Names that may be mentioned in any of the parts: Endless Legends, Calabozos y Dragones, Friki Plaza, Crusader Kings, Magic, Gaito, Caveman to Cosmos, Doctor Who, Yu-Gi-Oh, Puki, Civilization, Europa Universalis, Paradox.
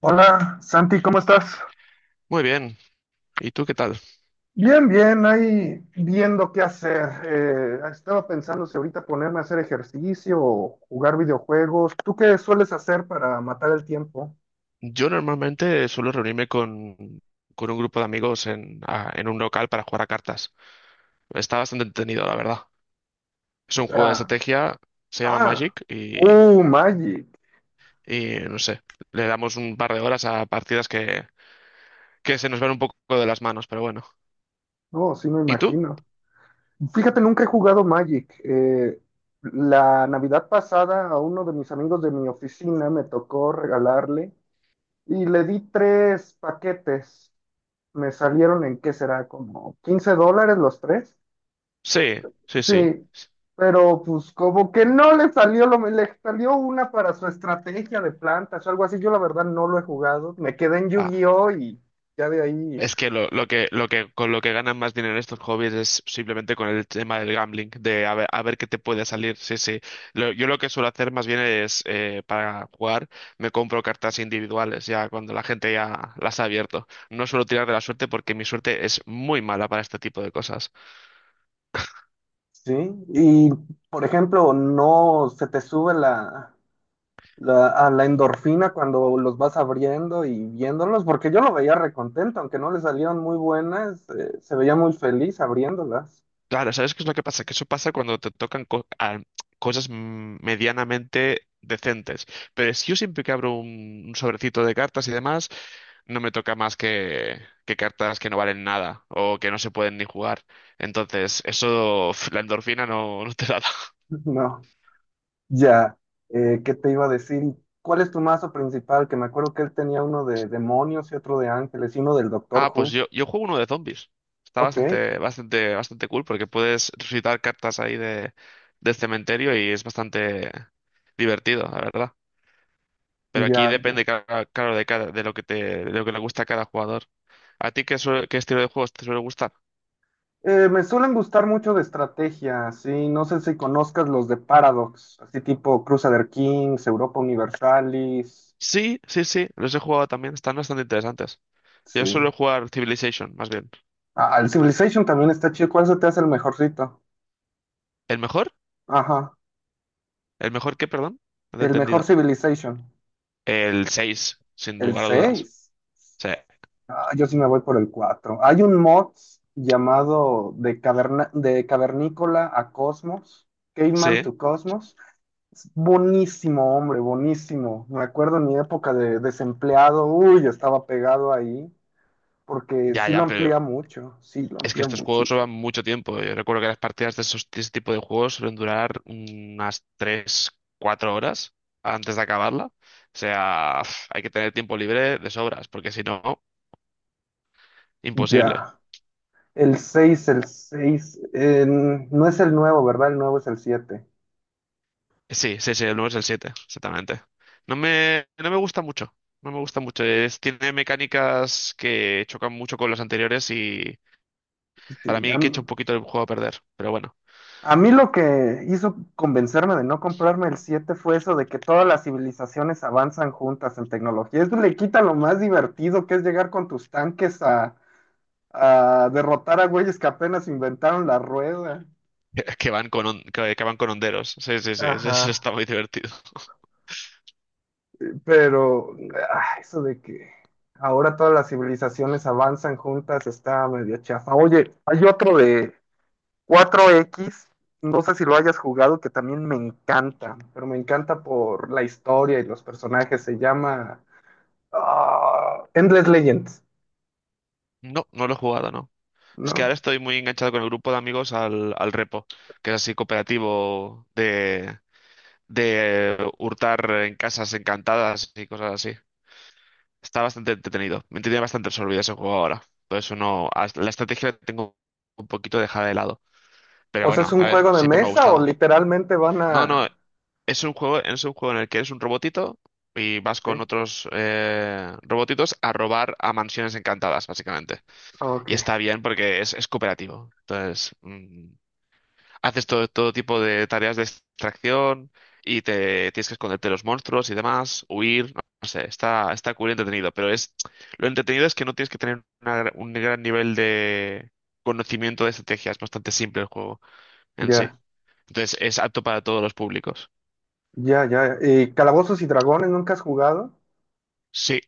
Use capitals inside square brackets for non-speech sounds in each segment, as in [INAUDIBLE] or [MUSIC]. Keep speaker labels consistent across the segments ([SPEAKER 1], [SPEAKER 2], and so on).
[SPEAKER 1] Hola, Santi, ¿cómo estás?
[SPEAKER 2] Muy bien, ¿y tú qué tal?
[SPEAKER 1] Bien, bien, ahí viendo qué hacer. Estaba pensando si ahorita ponerme a hacer ejercicio o jugar videojuegos. ¿Tú qué sueles hacer para matar el tiempo?
[SPEAKER 2] Yo normalmente suelo reunirme con un grupo de amigos en un local para jugar a cartas. Está bastante entretenido, la verdad. Es
[SPEAKER 1] O
[SPEAKER 2] un juego de
[SPEAKER 1] sea,
[SPEAKER 2] estrategia, se llama
[SPEAKER 1] ah,
[SPEAKER 2] Magic y,
[SPEAKER 1] Magic.
[SPEAKER 2] y no sé, le damos un par de horas a partidas que se nos van un poco de las manos, pero bueno.
[SPEAKER 1] No, sí me
[SPEAKER 2] ¿Y tú?
[SPEAKER 1] imagino. Fíjate, nunca he jugado Magic. La Navidad pasada a uno de mis amigos de mi oficina me tocó regalarle y le di tres paquetes. Me salieron en qué será, como 15 dólares los tres.
[SPEAKER 2] Sí, sí, sí.
[SPEAKER 1] Sí, pero pues como que no le salió lo, le salió una para su estrategia de plantas o algo así. Yo la verdad no lo he jugado. Me quedé en
[SPEAKER 2] Ah.
[SPEAKER 1] Yu-Gi-Oh y ya de ahí.
[SPEAKER 2] Es que lo que con lo que ganan más dinero estos hobbies es simplemente con el tema del gambling, de a ver qué te puede salir. Sí, sí. Yo lo que suelo hacer más bien es para jugar me compro cartas individuales ya cuando la gente ya las ha abierto. No suelo tirar de la suerte porque mi suerte es muy mala para este tipo de cosas.
[SPEAKER 1] Sí, y por ejemplo, no se te sube a la endorfina cuando los vas abriendo y viéndolos, porque yo lo veía recontento, aunque no le salieron muy buenas, se veía muy feliz abriéndolas.
[SPEAKER 2] Claro, ¿sabes qué es lo que pasa? Que eso pasa cuando te tocan cosas medianamente decentes. Pero si yo siempre que abro un sobrecito de cartas y demás, no me toca más que cartas que no valen nada o que no se pueden ni jugar. Entonces, eso, [LAUGHS] la endorfina no te la [LAUGHS] da.
[SPEAKER 1] [LAUGHS] No. Ya, ¿qué te iba a decir? ¿Cuál es tu mazo principal? Que me acuerdo que él tenía uno de demonios y otro de ángeles y uno del Doctor
[SPEAKER 2] Ah, pues
[SPEAKER 1] Who.
[SPEAKER 2] yo juego uno de zombies. Está
[SPEAKER 1] Ok,
[SPEAKER 2] bastante, bastante, bastante cool porque puedes resucitar cartas ahí de, del cementerio y es bastante divertido, la verdad. Pero aquí
[SPEAKER 1] ya, ya.
[SPEAKER 2] depende, claro, de cada, de lo que te, de lo que le gusta a cada jugador. ¿A ti qué, qué estilo de juegos te suele gustar?
[SPEAKER 1] Me suelen gustar mucho de estrategia, sí. No sé si conozcas los de Paradox, así tipo Crusader Kings, Europa Universalis.
[SPEAKER 2] Sí, sí, sí, los he jugado también, están bastante interesantes. Yo
[SPEAKER 1] Sí.
[SPEAKER 2] suelo jugar Civilization, más bien.
[SPEAKER 1] Ah, el Civilization también está chido. ¿Cuál se te hace el mejorcito?
[SPEAKER 2] ¿El mejor?
[SPEAKER 1] Ajá,
[SPEAKER 2] ¿El mejor qué, perdón? No te he
[SPEAKER 1] el mejor
[SPEAKER 2] entendido.
[SPEAKER 1] Civilization.
[SPEAKER 2] El 6 sin
[SPEAKER 1] El
[SPEAKER 2] lugar a dudas.
[SPEAKER 1] seis.
[SPEAKER 2] Sí,
[SPEAKER 1] Ah, yo sí me voy por el 4. Hay un mod llamado de, caverna, de Cavernícola a Cosmos, Caveman
[SPEAKER 2] sí,
[SPEAKER 1] to Cosmos. Es buenísimo, hombre, buenísimo. Me acuerdo en mi época de desempleado, uy, estaba pegado ahí, porque
[SPEAKER 2] ya,
[SPEAKER 1] sí
[SPEAKER 2] ya,
[SPEAKER 1] lo
[SPEAKER 2] pero
[SPEAKER 1] amplía mucho, sí lo
[SPEAKER 2] es que
[SPEAKER 1] amplía
[SPEAKER 2] estos juegos
[SPEAKER 1] muchísimo.
[SPEAKER 2] llevan mucho tiempo. Yo recuerdo que las partidas de esos, de ese tipo de juegos suelen durar unas 3, 4 horas antes de acabarla. O sea, uf, hay que tener tiempo libre de sobras, porque si no, imposible.
[SPEAKER 1] Ya, el 6, no es el nuevo, ¿verdad? El nuevo es el 7.
[SPEAKER 2] Sí, sí, sí, el 9 es el 7, exactamente. No me gusta mucho. No me gusta mucho. Tiene mecánicas que chocan mucho con los anteriores y para
[SPEAKER 1] Sí, ya,
[SPEAKER 2] mí que echa un poquito el juego a perder. Pero bueno.
[SPEAKER 1] a mí lo que hizo convencerme de no comprarme el 7 fue eso de que todas las civilizaciones avanzan juntas en tecnología. Eso le quita lo más divertido que es llegar con tus tanques a derrotar a güeyes que apenas inventaron la rueda.
[SPEAKER 2] [LAUGHS] Que van que van con honderos. Sí, sí, sí, [LAUGHS] sí, eso
[SPEAKER 1] Ajá.
[SPEAKER 2] está muy divertido.
[SPEAKER 1] Pero ah, eso de que ahora todas las civilizaciones avanzan juntas está medio chafa. Oye, hay otro de 4X, no sé si lo hayas jugado, que también me encanta, pero me encanta por la historia y los personajes. Se llama ah, Endless Legends,
[SPEAKER 2] No, no lo he jugado, no. Es que ahora
[SPEAKER 1] ¿no?
[SPEAKER 2] estoy muy enganchado con el grupo de amigos al Repo, que es así cooperativo de hurtar en casas encantadas y cosas así. Está bastante entretenido. Me tiene bastante absorbido ese juego ahora. Por eso no. La estrategia la tengo un poquito dejada de lado. Pero
[SPEAKER 1] O sea, ¿es
[SPEAKER 2] bueno,
[SPEAKER 1] un
[SPEAKER 2] a ver,
[SPEAKER 1] juego de
[SPEAKER 2] siempre me ha
[SPEAKER 1] mesa o
[SPEAKER 2] gustado.
[SPEAKER 1] literalmente van
[SPEAKER 2] No, no,
[SPEAKER 1] a...?
[SPEAKER 2] es un juego en el que eres un robotito y vas
[SPEAKER 1] Ok,
[SPEAKER 2] con otros robotitos a robar a mansiones encantadas, básicamente. Y
[SPEAKER 1] ok,
[SPEAKER 2] está bien porque es cooperativo. Entonces, haces todo tipo de tareas de extracción y te tienes que esconderte de los monstruos y demás, huir, no, no sé, está cool y entretenido. Pero es, lo entretenido es que no tienes que tener un gran nivel de conocimiento de estrategia. Es bastante simple el juego en sí.
[SPEAKER 1] ya,
[SPEAKER 2] Entonces, es apto para todos los públicos.
[SPEAKER 1] ya, ya. ¿Y Calabozos y Dragones nunca has jugado?
[SPEAKER 2] Sí,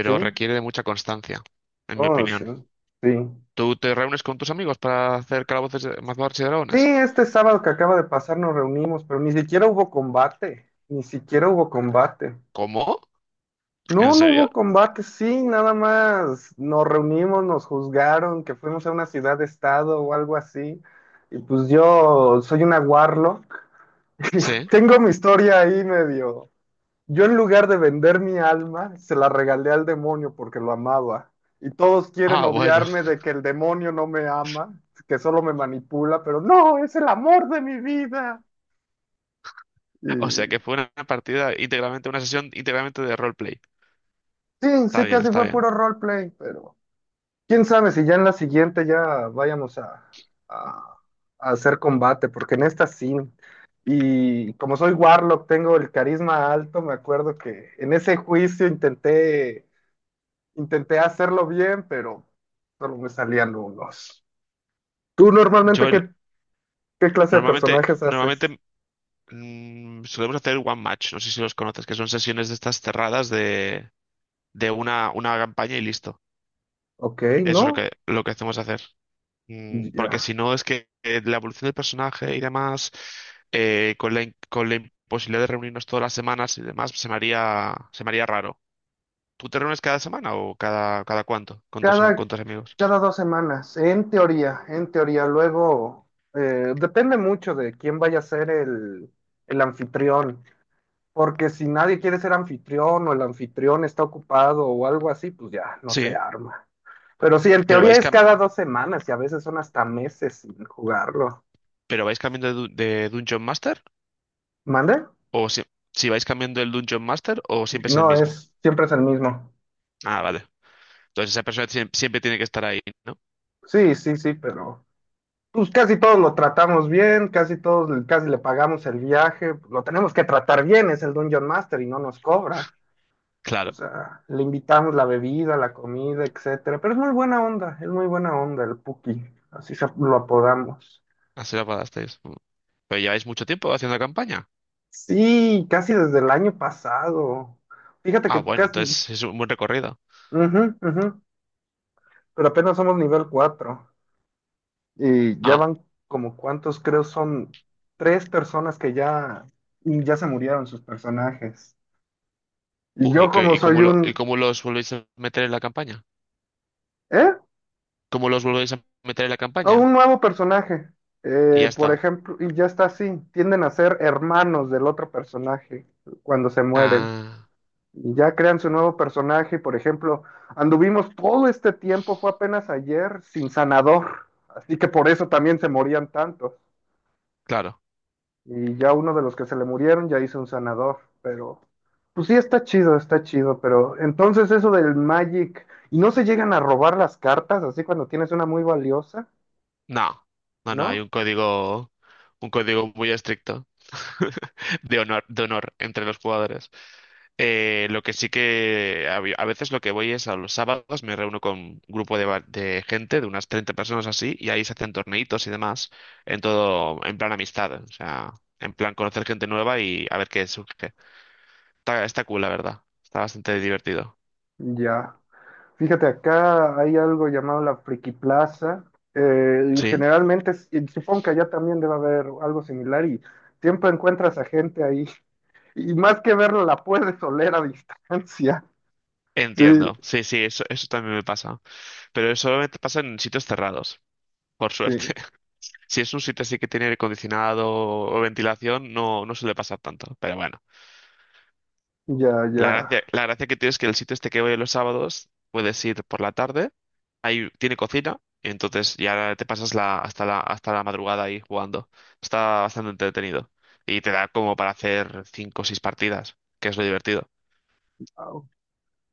[SPEAKER 1] Sí,
[SPEAKER 2] requiere de mucha constancia, en mi
[SPEAKER 1] oh, sí,
[SPEAKER 2] opinión.
[SPEAKER 1] sí.
[SPEAKER 2] ¿Tú te reúnes con tus amigos para hacer calabozos, mazmorras y
[SPEAKER 1] Sí,
[SPEAKER 2] dragones?
[SPEAKER 1] este sábado que acaba de pasar nos reunimos, pero ni siquiera hubo combate, ni siquiera hubo combate.
[SPEAKER 2] ¿Cómo? ¿En
[SPEAKER 1] No, no
[SPEAKER 2] serio?
[SPEAKER 1] hubo combate, sí, nada más nos reunimos, nos juzgaron, que fuimos a una ciudad-estado o algo así. Y pues yo soy una warlock. [LAUGHS] Y
[SPEAKER 2] Sí.
[SPEAKER 1] tengo mi historia ahí medio. Yo en lugar de vender mi alma, se la regalé al demonio porque lo amaba. Y todos quieren
[SPEAKER 2] Ah, bueno.
[SPEAKER 1] obviarme de
[SPEAKER 2] [LAUGHS]
[SPEAKER 1] que el demonio no me ama, que solo me manipula, pero no, es el amor de mi vida. Y
[SPEAKER 2] O sea que fue una partida íntegramente, una sesión íntegramente de roleplay.
[SPEAKER 1] sí,
[SPEAKER 2] Está
[SPEAKER 1] sí,
[SPEAKER 2] bien,
[SPEAKER 1] casi
[SPEAKER 2] está
[SPEAKER 1] fue
[SPEAKER 2] bien.
[SPEAKER 1] puro roleplay, pero... Quién sabe si ya en la siguiente ya vayamos a- a hacer combate, porque en esta sí. Y como soy Warlock, tengo el carisma alto, me acuerdo que en ese juicio intenté hacerlo bien, pero solo me salían unos. ¿Tú
[SPEAKER 2] Yo
[SPEAKER 1] normalmente
[SPEAKER 2] el-
[SPEAKER 1] qué clase de
[SPEAKER 2] normalmente,
[SPEAKER 1] personajes haces?
[SPEAKER 2] normalmente solemos hacer one match, no sé si los conoces, que son sesiones de estas cerradas de una campaña y listo.
[SPEAKER 1] Ok,
[SPEAKER 2] Eso es lo
[SPEAKER 1] ¿no?
[SPEAKER 2] que, lo que hacemos hacer. Porque
[SPEAKER 1] Ya.
[SPEAKER 2] si no, es que la evolución del personaje y demás, con la imposibilidad de reunirnos todas las semanas y demás, se me haría raro. ¿Tú te reúnes cada semana o cada cuánto con tus,
[SPEAKER 1] Cada,
[SPEAKER 2] con tus amigos?
[SPEAKER 1] cada 2 semanas, en teoría, en teoría. Luego, depende mucho de quién vaya a ser el anfitrión, porque si nadie quiere ser anfitrión o el anfitrión está ocupado o algo así, pues ya no
[SPEAKER 2] Sí.
[SPEAKER 1] se arma. Pero sí, en
[SPEAKER 2] ¿Pero
[SPEAKER 1] teoría
[SPEAKER 2] vais,
[SPEAKER 1] es
[SPEAKER 2] cam-
[SPEAKER 1] cada 2 semanas y a veces son hasta meses sin jugarlo.
[SPEAKER 2] pero vais cambiando de Dungeon Master?
[SPEAKER 1] ¿Mande?
[SPEAKER 2] ¿O si vais cambiando el Dungeon Master o siempre es el
[SPEAKER 1] No,
[SPEAKER 2] mismo?
[SPEAKER 1] es, siempre es el mismo.
[SPEAKER 2] Ah, vale. Entonces esa persona siempre, tiene que estar ahí, ¿no?
[SPEAKER 1] Sí, sí, sí, pero... Pues casi todos lo tratamos bien, casi le pagamos el viaje, lo tenemos que tratar bien, es el Dungeon Master y no nos cobra. O
[SPEAKER 2] Claro,
[SPEAKER 1] sea, le invitamos la bebida, la comida, etcétera, pero es muy buena onda, es muy buena onda el Puki, lo apodamos.
[SPEAKER 2] así lo acordasteis. Mm. ¿Pero lleváis mucho tiempo haciendo la campaña?
[SPEAKER 1] Sí, casi desde el año pasado. Fíjate
[SPEAKER 2] Ah,
[SPEAKER 1] que
[SPEAKER 2] bueno,
[SPEAKER 1] casi,
[SPEAKER 2] entonces es un buen recorrido.
[SPEAKER 1] ujú, ujú, pero apenas somos nivel 4 y ya van como cuántos, creo son tres personas que ya, ya se murieron sus personajes. Y
[SPEAKER 2] Uy, ¿y
[SPEAKER 1] yo como soy
[SPEAKER 2] y
[SPEAKER 1] un...
[SPEAKER 2] cómo los volvéis a meter en la campaña?
[SPEAKER 1] ¿Eh?
[SPEAKER 2] ¿Cómo los volvéis a meter en la
[SPEAKER 1] O
[SPEAKER 2] campaña?
[SPEAKER 1] un nuevo personaje,
[SPEAKER 2] Y ya
[SPEAKER 1] por
[SPEAKER 2] está.
[SPEAKER 1] ejemplo, y ya está así, tienden a ser hermanos del otro personaje cuando se mueren.
[SPEAKER 2] Ah,
[SPEAKER 1] Y ya crean su nuevo personaje, por ejemplo, anduvimos todo este tiempo, fue apenas ayer, sin sanador, así que por eso también se morían tantos.
[SPEAKER 2] claro.
[SPEAKER 1] Y ya uno de los que se le murieron ya hizo un sanador, pero pues sí está chido, pero entonces eso del Magic, ¿y no se llegan a robar las cartas así cuando tienes una muy valiosa?
[SPEAKER 2] No, no, no, hay
[SPEAKER 1] ¿No?
[SPEAKER 2] un código muy estricto [LAUGHS] de honor entre los jugadores. Lo que sí que a veces lo que voy es a los sábados, me reúno con un grupo de gente, de unas 30 personas así, y ahí se hacen torneitos y demás, en todo, en plan amistad, o sea, en plan conocer gente nueva y a ver qué surge. Está cool, la verdad. Está bastante divertido.
[SPEAKER 1] Ya. Fíjate, acá hay algo llamado la Friki Plaza. Y
[SPEAKER 2] Sí,
[SPEAKER 1] generalmente, y supongo que allá también debe haber algo similar y siempre encuentras a gente ahí. [LAUGHS] Y más que verlo, la puedes oler a distancia. [LAUGHS] Sí,
[SPEAKER 2] entiendo. Sí, sí, eso también me pasa. Pero eso solamente pasa en sitios cerrados, por suerte.
[SPEAKER 1] sí,
[SPEAKER 2] [LAUGHS] Si es un sitio así que tiene aire acondicionado o ventilación, no, no suele pasar tanto. Pero bueno,
[SPEAKER 1] ya, ya.
[SPEAKER 2] la gracia que tiene es que el sitio este que voy los sábados, puedes ir por la tarde, ahí tiene cocina, y entonces ya te pasas hasta la madrugada ahí jugando. Está bastante entretenido. Y te da como para hacer cinco o seis partidas, que es lo divertido.
[SPEAKER 1] Au.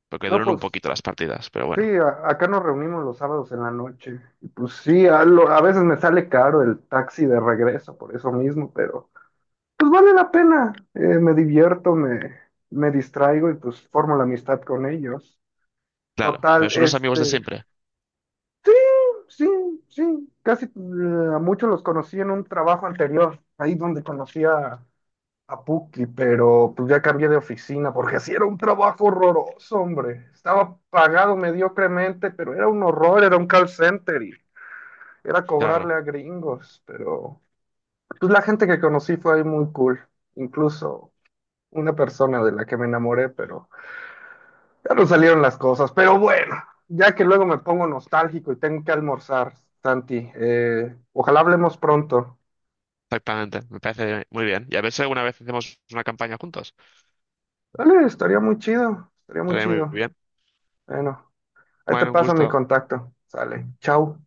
[SPEAKER 2] Porque
[SPEAKER 1] No,
[SPEAKER 2] duran un
[SPEAKER 1] pues
[SPEAKER 2] poquito las partidas, pero
[SPEAKER 1] sí,
[SPEAKER 2] bueno,
[SPEAKER 1] acá nos reunimos los sábados en la noche. Y pues sí, a veces me sale caro el taxi de regreso por eso mismo, pero... pues vale la pena. Me divierto, me distraigo y pues formo la amistad con ellos.
[SPEAKER 2] claro, pero
[SPEAKER 1] Total,
[SPEAKER 2] son los amigos de siempre,
[SPEAKER 1] sí, sí, sí, casi a muchos los conocí en un trabajo anterior, ahí donde conocí a Puki, pero pues ya cambié de oficina porque así era un trabajo horroroso, hombre. Estaba pagado mediocremente, pero era un horror, era un call center y era
[SPEAKER 2] claro,
[SPEAKER 1] cobrarle a gringos, pero pues la gente que conocí fue ahí muy cool. Incluso una persona de la que me enamoré, pero ya no salieron las cosas. Pero bueno, ya que luego me pongo nostálgico y tengo que almorzar, Santi, ojalá hablemos pronto.
[SPEAKER 2] exactamente, me parece muy bien. Y a ver si alguna vez hacemos una campaña juntos,
[SPEAKER 1] Dale, estaría muy chido, estaría muy
[SPEAKER 2] estaría muy
[SPEAKER 1] chido.
[SPEAKER 2] bien.
[SPEAKER 1] Bueno, ahí te
[SPEAKER 2] Bueno, un
[SPEAKER 1] paso mi
[SPEAKER 2] gusto.
[SPEAKER 1] contacto. Sale, chao.